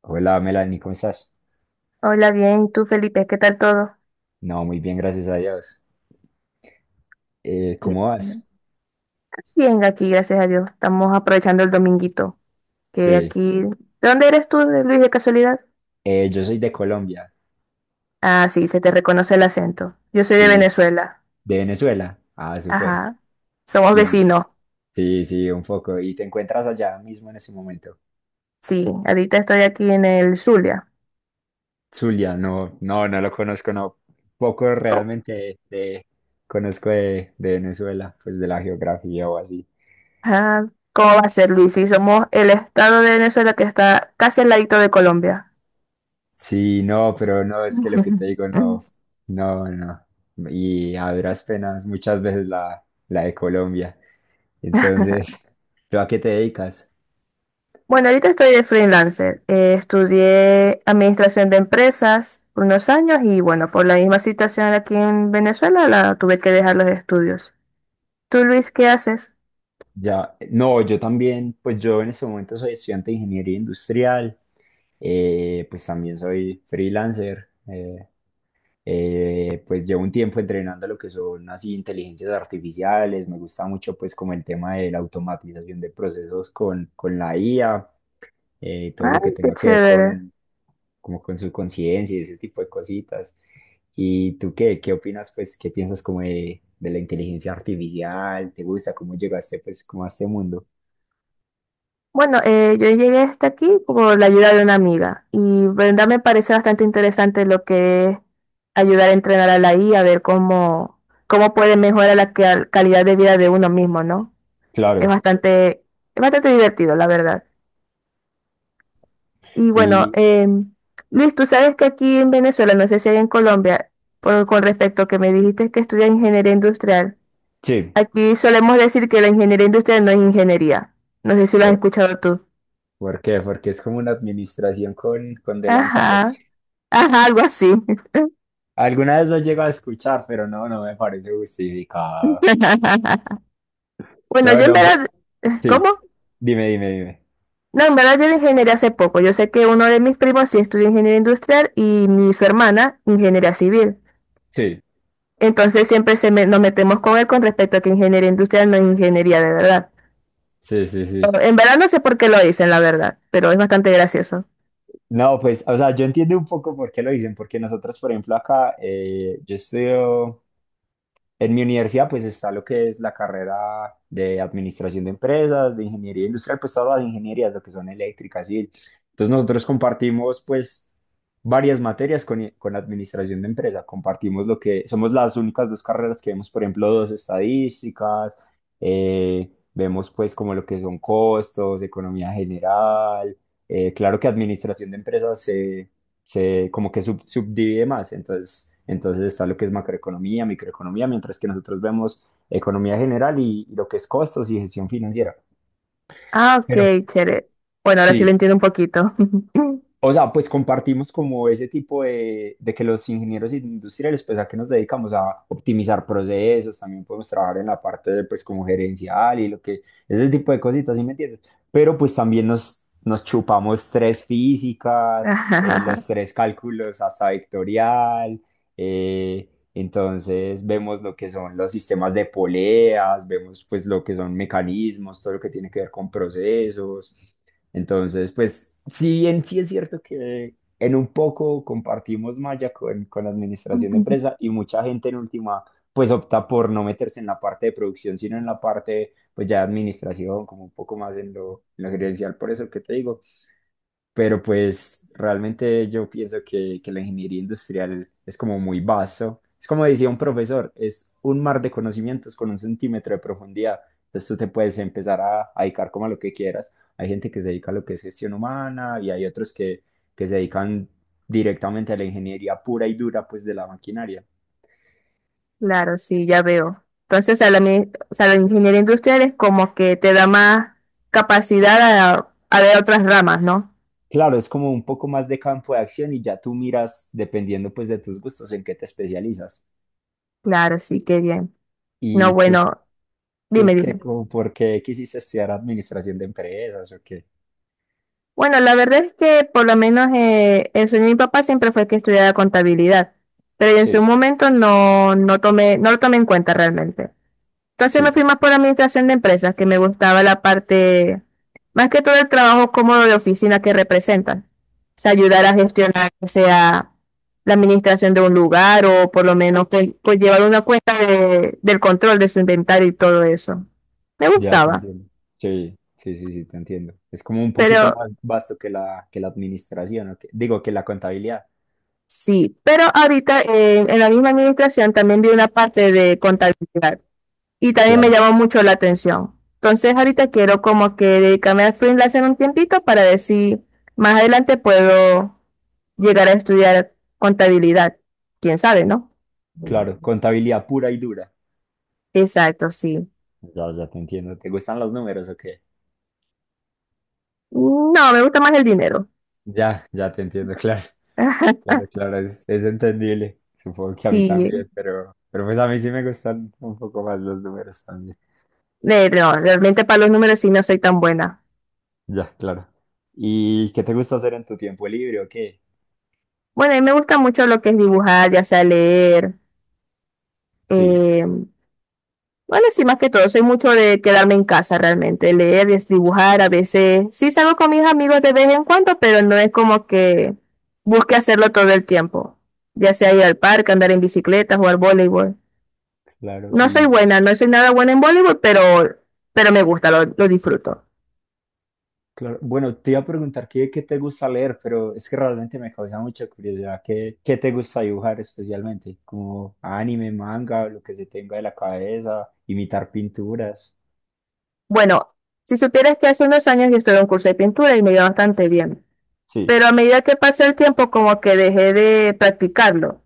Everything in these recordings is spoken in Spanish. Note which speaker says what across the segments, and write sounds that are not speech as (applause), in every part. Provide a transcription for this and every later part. Speaker 1: Hola Melanie, ¿cómo estás?
Speaker 2: Hola, bien, ¿y tú, Felipe? ¿Qué tal todo?
Speaker 1: No, muy bien, gracias a Dios.
Speaker 2: Qué
Speaker 1: ¿Cómo
Speaker 2: bueno.
Speaker 1: vas?
Speaker 2: Bien, aquí, gracias a Dios. Estamos aprovechando el dominguito. Que
Speaker 1: Sí,
Speaker 2: aquí. ¿De dónde eres tú, Luis, de casualidad?
Speaker 1: Yo soy de Colombia
Speaker 2: Ah, sí, se te reconoce el acento. Yo soy de
Speaker 1: y
Speaker 2: Venezuela.
Speaker 1: de Venezuela. Ah, súper.
Speaker 2: Ajá. Somos
Speaker 1: Y
Speaker 2: vecinos.
Speaker 1: sí, sí, un poco. ¿Y te encuentras allá mismo en ese momento?
Speaker 2: Sí, ahorita estoy aquí en el Zulia.
Speaker 1: Zulia, no, no, no lo conozco, no. Poco realmente conozco de Venezuela, pues de la geografía o así.
Speaker 2: Ajá. ¿Cómo va a ser, Luis? Sí, somos el estado de Venezuela que está casi al ladito de Colombia.
Speaker 1: Sí, no, pero no, es que lo que te digo, no,
Speaker 2: (laughs)
Speaker 1: no, no. Y a duras penas, muchas veces la de Colombia. Entonces, (laughs) ¿tú a qué te dedicas?
Speaker 2: Bueno, ahorita estoy de freelancer. Estudié administración de empresas por unos años y bueno, por la misma situación aquí en Venezuela, la tuve que dejar los estudios. ¿Tú, Luis, qué haces?
Speaker 1: Ya, no, yo también, pues yo en este momento soy estudiante de ingeniería industrial, pues también soy freelancer, pues llevo un tiempo entrenando lo que son así inteligencias artificiales, me gusta mucho pues como el tema de la automatización de procesos con la IA. Y todo lo que
Speaker 2: Ay, qué
Speaker 1: tenga que ver
Speaker 2: chévere.
Speaker 1: como con su conciencia y ese tipo de cositas. ¿Y tú qué opinas, pues, qué piensas como de la inteligencia artificial? ¿Te gusta cómo llegaste, pues, como a este mundo?
Speaker 2: Bueno, yo llegué hasta aquí por la ayuda de una amiga y verdad me parece bastante interesante lo que es ayudar a entrenar a la IA, a ver cómo, cómo puede mejorar la calidad de vida de uno mismo, ¿no? Es
Speaker 1: Claro.
Speaker 2: bastante, es bastante divertido, la verdad. Y bueno,
Speaker 1: Y
Speaker 2: Luis, tú sabes que aquí en Venezuela, no sé si hay en Colombia, con respecto a que me dijiste que estudia ingeniería industrial,
Speaker 1: sí,
Speaker 2: aquí solemos decir que la ingeniería industrial no es ingeniería. No sé si lo has
Speaker 1: ¿por,
Speaker 2: escuchado tú.
Speaker 1: por qué? Porque es como una administración con delantal.
Speaker 2: Ajá, ajá, algo así.
Speaker 1: Alguna vez lo llego a escuchar, pero no, no me parece justificado.
Speaker 2: (laughs) Bueno,
Speaker 1: No,
Speaker 2: yo en
Speaker 1: no,
Speaker 2: verdad,
Speaker 1: sí,
Speaker 2: ¿cómo?
Speaker 1: dime, dime, dime.
Speaker 2: No, en verdad yo de ingeniería hace poco. Yo sé que uno de mis primos sí estudia ingeniería industrial y mi, su hermana ingeniería civil.
Speaker 1: Sí,
Speaker 2: Entonces siempre nos metemos con él con respecto a que ingeniería industrial no es ingeniería de verdad.
Speaker 1: sí, sí, sí.
Speaker 2: En verdad no sé por qué lo dicen, la verdad, pero es bastante gracioso.
Speaker 1: No, pues, o sea, yo entiendo un poco por qué lo dicen, porque nosotros, por ejemplo, acá, yo estudio en mi universidad, pues está lo que es la carrera de administración de empresas, de ingeniería industrial, pues todas las ingenierías, lo que son eléctricas y entonces nosotros compartimos, pues, varias materias con administración de empresa. Compartimos lo que somos las únicas dos carreras que vemos, por ejemplo, dos estadísticas, vemos, pues, como lo que son costos, economía general. Claro que administración de empresas se como que subdivide más. Entonces, está lo que es macroeconomía, microeconomía, mientras que nosotros vemos economía general y lo que es costos y gestión financiera.
Speaker 2: Ah,
Speaker 1: Pero
Speaker 2: ok, chévere. Bueno, ahora sí lo
Speaker 1: sí,
Speaker 2: entiendo un poquito. (laughs)
Speaker 1: o sea, pues compartimos como ese tipo de que los ingenieros industriales, pues a qué nos dedicamos a optimizar procesos, también podemos trabajar en la parte de, pues como gerencial y lo que, ese tipo de cositas, ¿sí me entiendes? Pero pues también nos chupamos tres físicas,
Speaker 2: Ajajaja.
Speaker 1: los tres cálculos hasta vectorial, entonces vemos lo que son los sistemas de poleas, vemos pues lo que son mecanismos, todo lo que tiene que ver con procesos. Entonces, pues, si bien sí es cierto que en un poco compartimos malla con la administración de empresa y mucha gente en última, pues opta por no meterse en la parte de producción, sino en la parte, pues ya de administración, como un poco más en lo gerencial. Por eso que te digo, pero pues realmente yo pienso que la ingeniería industrial es como muy vasto. Es como decía un profesor, es un mar de conocimientos con un centímetro de profundidad. Entonces tú te puedes empezar a dedicar como a lo que quieras. Hay gente que se dedica a lo que es gestión humana y hay otros que se dedican directamente a la ingeniería pura y dura, pues de la maquinaria.
Speaker 2: Claro, sí, ya veo. Entonces, o sea, o sea, la ingeniería industrial es como que te da más capacidad a ver otras ramas, ¿no?
Speaker 1: Claro, es como un poco más de campo de acción y ya tú miras, dependiendo pues de tus gustos, en qué te especializas.
Speaker 2: Claro, sí, qué bien. No,
Speaker 1: ¿Y tú
Speaker 2: bueno,
Speaker 1: ¿Tú
Speaker 2: dime,
Speaker 1: qué,
Speaker 2: dime.
Speaker 1: por qué quisiste estudiar administración de empresas o qué?
Speaker 2: Bueno, la verdad es que por lo menos el sueño de mi papá siempre fue que estudiara contabilidad, pero en su
Speaker 1: Sí,
Speaker 2: momento no, no lo tomé en cuenta realmente. Entonces me
Speaker 1: sí,
Speaker 2: fui más por administración de empresas, que me gustaba la parte, más que todo el trabajo cómodo de oficina que representan. O sea, ayudar a gestionar, o sea la administración de un lugar o por lo menos pues, llevar una cuenta de, del control de su inventario y todo eso. Me
Speaker 1: ya te
Speaker 2: gustaba,
Speaker 1: entiendo. Sí, sí, sí, sí, te entiendo. Es como un poquito
Speaker 2: pero
Speaker 1: más vasto que la administración, ¿o qué? Digo, que la contabilidad.
Speaker 2: sí, pero ahorita en la misma administración también vi una parte de contabilidad. Y también me
Speaker 1: Claro,
Speaker 2: llamó mucho la atención. Entonces ahorita quiero como que dedicarme al freelance en un tiempito para ver si más adelante puedo llegar a estudiar contabilidad. ¿Quién sabe, no?
Speaker 1: claro, contabilidad pura y dura.
Speaker 2: Exacto, sí.
Speaker 1: Ya, ya te entiendo. ¿Te gustan los números o qué?
Speaker 2: No, me gusta más el dinero.
Speaker 1: Ya, ya te entiendo, (laughs) claro, claro,
Speaker 2: (laughs)
Speaker 1: claro, es entendible. Supongo que a mí
Speaker 2: Sí,
Speaker 1: también, pero pues a mí sí me gustan un poco más los números también.
Speaker 2: no, realmente para los números sí no soy tan buena.
Speaker 1: Ya, claro. ¿Y qué te gusta hacer en tu tiempo libre o qué?
Speaker 2: Bueno, a mí me gusta mucho lo que es dibujar, ya sea leer,
Speaker 1: Sí,
Speaker 2: eh, bueno, sí, más que todo, soy mucho de quedarme en casa realmente, leer, es dibujar, a veces sí salgo con mis amigos de vez en cuando, pero no es como que busque hacerlo todo el tiempo, ya sea ir al parque, andar en bicicleta, jugar voleibol.
Speaker 1: claro.
Speaker 2: No soy
Speaker 1: Y
Speaker 2: buena, no soy nada buena en voleibol, pero me gusta, lo disfruto.
Speaker 1: claro, bueno, te iba a preguntar qué te gusta leer, pero es que realmente me causa mucha curiosidad. ¿Qué te gusta dibujar especialmente? Como anime, manga, lo que se tenga de la cabeza, imitar pinturas.
Speaker 2: Bueno, si supieras que hace unos años yo estuve en un curso de pintura y me iba bastante bien,
Speaker 1: Sí,
Speaker 2: pero a medida que pasó el tiempo como que dejé de practicarlo.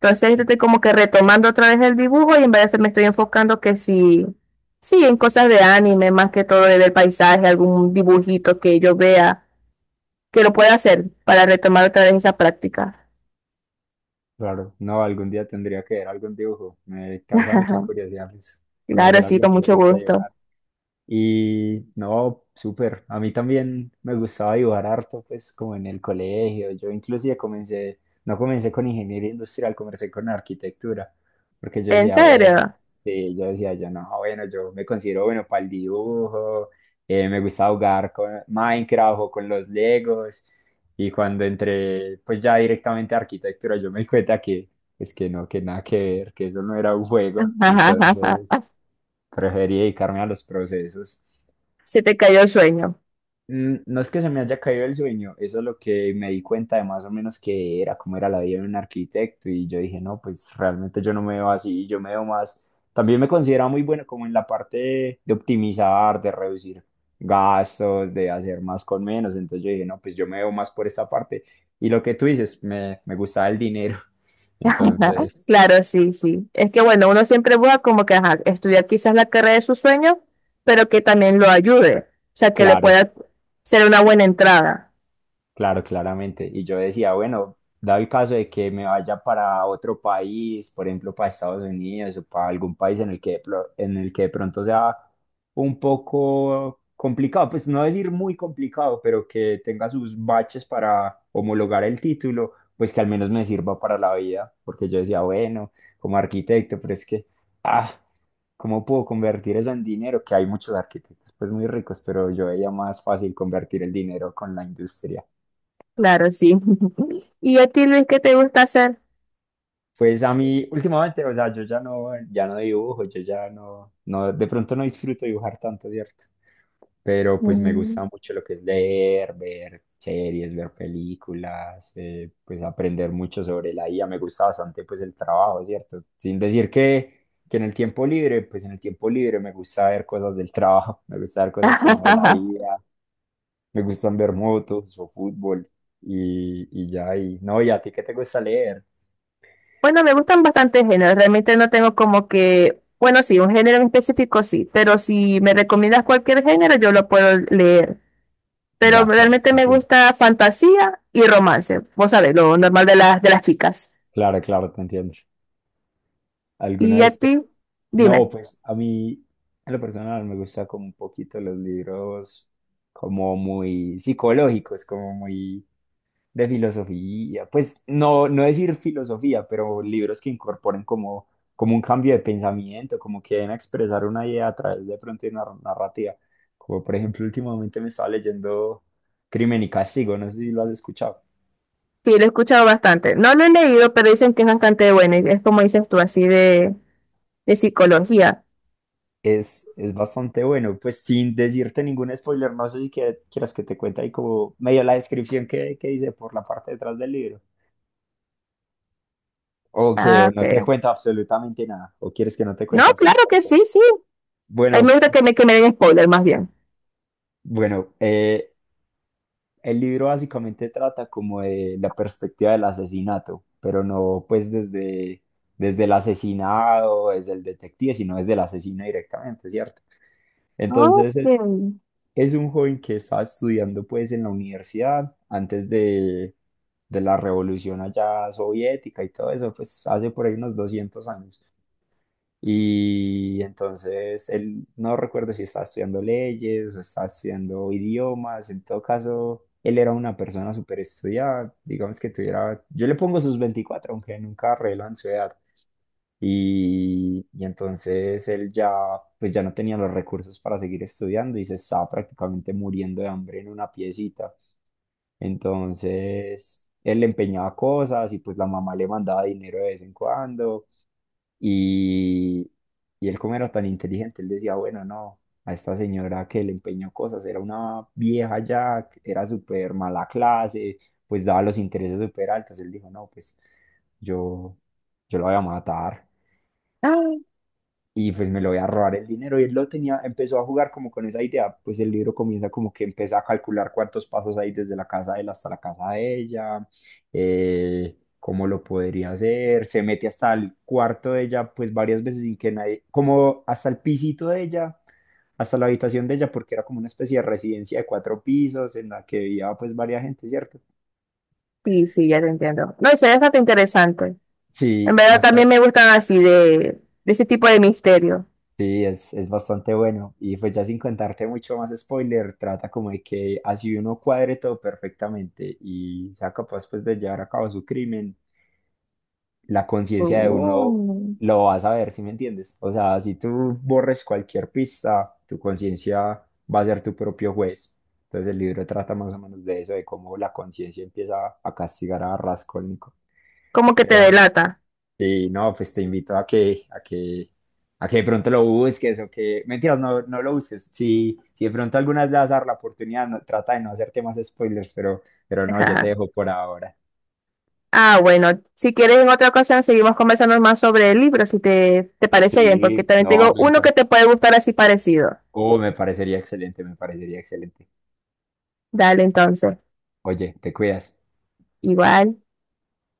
Speaker 2: Entonces yo estoy como que retomando otra vez el dibujo y en vez de me estoy enfocando que sí, sí, en cosas de anime, más que todo del paisaje, algún dibujito que yo vea que lo pueda hacer para retomar otra vez esa práctica.
Speaker 1: claro. No, algún día tendría que ver algún dibujo. Me causa mucha
Speaker 2: (laughs)
Speaker 1: curiosidad, pues,
Speaker 2: Claro,
Speaker 1: conocer a
Speaker 2: sí,
Speaker 1: alguien
Speaker 2: con
Speaker 1: que le
Speaker 2: mucho
Speaker 1: gusta
Speaker 2: gusto.
Speaker 1: dibujar. Y no, súper. A mí también me gustaba dibujar harto, pues como en el colegio. Yo inclusive comencé, no comencé con ingeniería industrial, comencé con arquitectura, porque yo
Speaker 2: ¿En
Speaker 1: decía, bueno,
Speaker 2: serio?
Speaker 1: sí, yo decía, yo no, bueno, yo me considero bueno para el dibujo, me gusta jugar con Minecraft o con los Legos. Y cuando entré, pues ya directamente a arquitectura, yo me di cuenta que es que no, que nada que ver, que eso no era un juego. Entonces,
Speaker 2: (laughs)
Speaker 1: preferí dedicarme a los procesos.
Speaker 2: Se te cayó el sueño.
Speaker 1: No es que se me haya caído el sueño, eso es lo que me di cuenta de más o menos que era, cómo era la vida de un arquitecto y yo dije, no, pues realmente yo no me veo así, yo me veo más, también me considero muy bueno como en la parte de optimizar, de reducir gastos, de hacer más con menos, entonces yo dije, no, pues yo me veo más por esta parte y lo que tú dices, me gustaba el dinero, (laughs)
Speaker 2: (laughs)
Speaker 1: entonces,
Speaker 2: Claro, sí, sí. Es que bueno, uno siempre busca como que ajá, estudiar quizás la carrera de su sueño, pero que también lo ayude, o sea, que le
Speaker 1: claro,
Speaker 2: pueda ser una buena entrada.
Speaker 1: claro, claramente. Y yo decía, bueno, dado el caso de que me vaya para otro país, por ejemplo, para Estados Unidos o para algún país en el que, en el que de pronto sea un poco complicado, pues no decir muy complicado, pero que tenga sus baches para homologar el título, pues que al menos me sirva para la vida, porque yo decía, bueno, como arquitecto, pero es que, ah, ¿cómo puedo convertir eso en dinero? Que hay muchos arquitectos, pues muy ricos, pero yo veía más fácil convertir el dinero con la industria.
Speaker 2: Claro, sí. (laughs) ¿Y a ti, Luis, qué te gusta hacer?
Speaker 1: Pues a mí últimamente, o sea, yo ya no, ya no dibujo, yo ya no, no, de pronto no disfruto dibujar tanto, ¿cierto? Pero pues me gusta
Speaker 2: Mm.
Speaker 1: mucho lo que es leer, ver series, ver películas, pues aprender mucho sobre la IA, me gusta bastante pues el trabajo, ¿cierto? Sin decir que en el tiempo libre, pues en el tiempo libre me gusta ver cosas del trabajo, (laughs) me gusta ver cosas como de la
Speaker 2: (laughs)
Speaker 1: IA, me gustan ver motos o fútbol y ya, y no, ¿y a ti qué te gusta leer?
Speaker 2: Bueno, me gustan bastantes géneros. Realmente no tengo como que, bueno, sí, un género en específico sí, pero si me recomiendas cualquier género, yo lo puedo leer. Pero
Speaker 1: Ya, claro.
Speaker 2: realmente me gusta fantasía y romance. Vos sabés, lo normal de las chicas.
Speaker 1: Claro, claro, te entiendo. ¿Alguna
Speaker 2: ¿Y a
Speaker 1: vez te-
Speaker 2: ti? Dime.
Speaker 1: No, pues a mí, en lo personal, me gusta como un poquito los libros como muy psicológicos, como muy de filosofía. Pues no, no decir filosofía, pero libros que incorporen como un cambio de pensamiento, como que den a expresar una idea a través de pronto de una narrativa. Como por ejemplo, últimamente me estaba leyendo Crimen y Castigo, no sé si lo has escuchado.
Speaker 2: Sí, lo he escuchado bastante. No lo he leído, pero dicen que es bastante bueno. Y es como dices tú, así de psicología.
Speaker 1: Es bastante bueno, pues sin decirte ningún spoiler, no sé si quieras que te cuente ahí como medio la descripción que dice por la parte detrás del libro. O que
Speaker 2: Ah,
Speaker 1: o no te
Speaker 2: ok.
Speaker 1: cuento absolutamente nada, o quieres que no te
Speaker 2: No,
Speaker 1: cuente
Speaker 2: claro que
Speaker 1: absolutamente
Speaker 2: sí,
Speaker 1: nada.
Speaker 2: sí. A mí
Speaker 1: Bueno,
Speaker 2: me gusta que me den spoiler más bien.
Speaker 1: bueno, el libro básicamente trata como de la perspectiva del asesinato, pero no pues desde el asesinado, desde el detective, sino desde el asesino directamente, ¿cierto? Entonces,
Speaker 2: Ok.
Speaker 1: es un joven que estaba estudiando pues en la universidad antes de la revolución allá soviética y todo eso, pues hace por ahí unos 200 años. Y entonces él no recuerdo si estaba estudiando leyes o estaba estudiando idiomas, en todo caso, él era una persona súper estudiada, digamos que tuviera, yo le pongo sus 24 aunque nunca revelan su edad, y entonces él ya, pues ya no tenía los recursos para seguir estudiando y se estaba prácticamente muriendo de hambre en una piecita. Entonces él le empeñaba cosas y pues la mamá le mandaba dinero de vez en cuando. Y, y él como era tan inteligente, él decía, bueno, no, a esta señora que le empeñó cosas, era una vieja ya, era súper mala clase, pues daba los intereses súper altos. Él dijo, no, pues yo, yo la voy a matar
Speaker 2: Ay,
Speaker 1: y pues me lo voy a robar el dinero. Y él lo tenía, empezó a jugar como con esa idea, pues el libro comienza como que empieza a calcular cuántos pasos hay desde la casa de él hasta la casa de ella, cómo lo podría hacer, se mete hasta el cuarto de ella, pues varias veces sin que nadie, como hasta el pisito de ella, hasta la habitación de ella, porque era como una especie de residencia de cuatro pisos en la que vivía pues varias gente, ¿cierto?
Speaker 2: sí, sí, ya te entiendo. No, eso es bastante interesante. En
Speaker 1: Sí,
Speaker 2: verdad también me gustan así de ese tipo de misterio.
Speaker 1: sí, es bastante bueno. Y pues ya sin contarte mucho más spoiler, trata como de que así uno cuadre todo perfectamente y sea capaz pues de llevar a cabo su crimen, la conciencia de uno
Speaker 2: Oh.
Speaker 1: lo va a saber, ¿si me entiendes? O sea, si tú borres cualquier pista, tu conciencia va a ser tu propio juez. Entonces el libro trata más o menos de eso, de cómo la conciencia empieza a castigar a Raskolnikov.
Speaker 2: Como que te
Speaker 1: Pero
Speaker 2: delata.
Speaker 1: Sí, no, pues te invito a que, a que de pronto lo busques o que, mentiras, no, no lo busques. Si, de pronto alguna vez le vas a dar la oportunidad, trata de no hacerte más spoilers, pero
Speaker 2: (laughs)
Speaker 1: no, yo te
Speaker 2: Ajá.
Speaker 1: dejo por ahora.
Speaker 2: Ah, bueno, si quieres en otra ocasión seguimos conversando más sobre el libro, si te parece bien, porque
Speaker 1: Sí,
Speaker 2: también
Speaker 1: no, a
Speaker 2: tengo
Speaker 1: mí me
Speaker 2: uno que
Speaker 1: parece.
Speaker 2: te puede gustar así parecido.
Speaker 1: Oh, me parecería excelente, me parecería excelente.
Speaker 2: Dale entonces.
Speaker 1: Oye, te cuidas.
Speaker 2: Igual.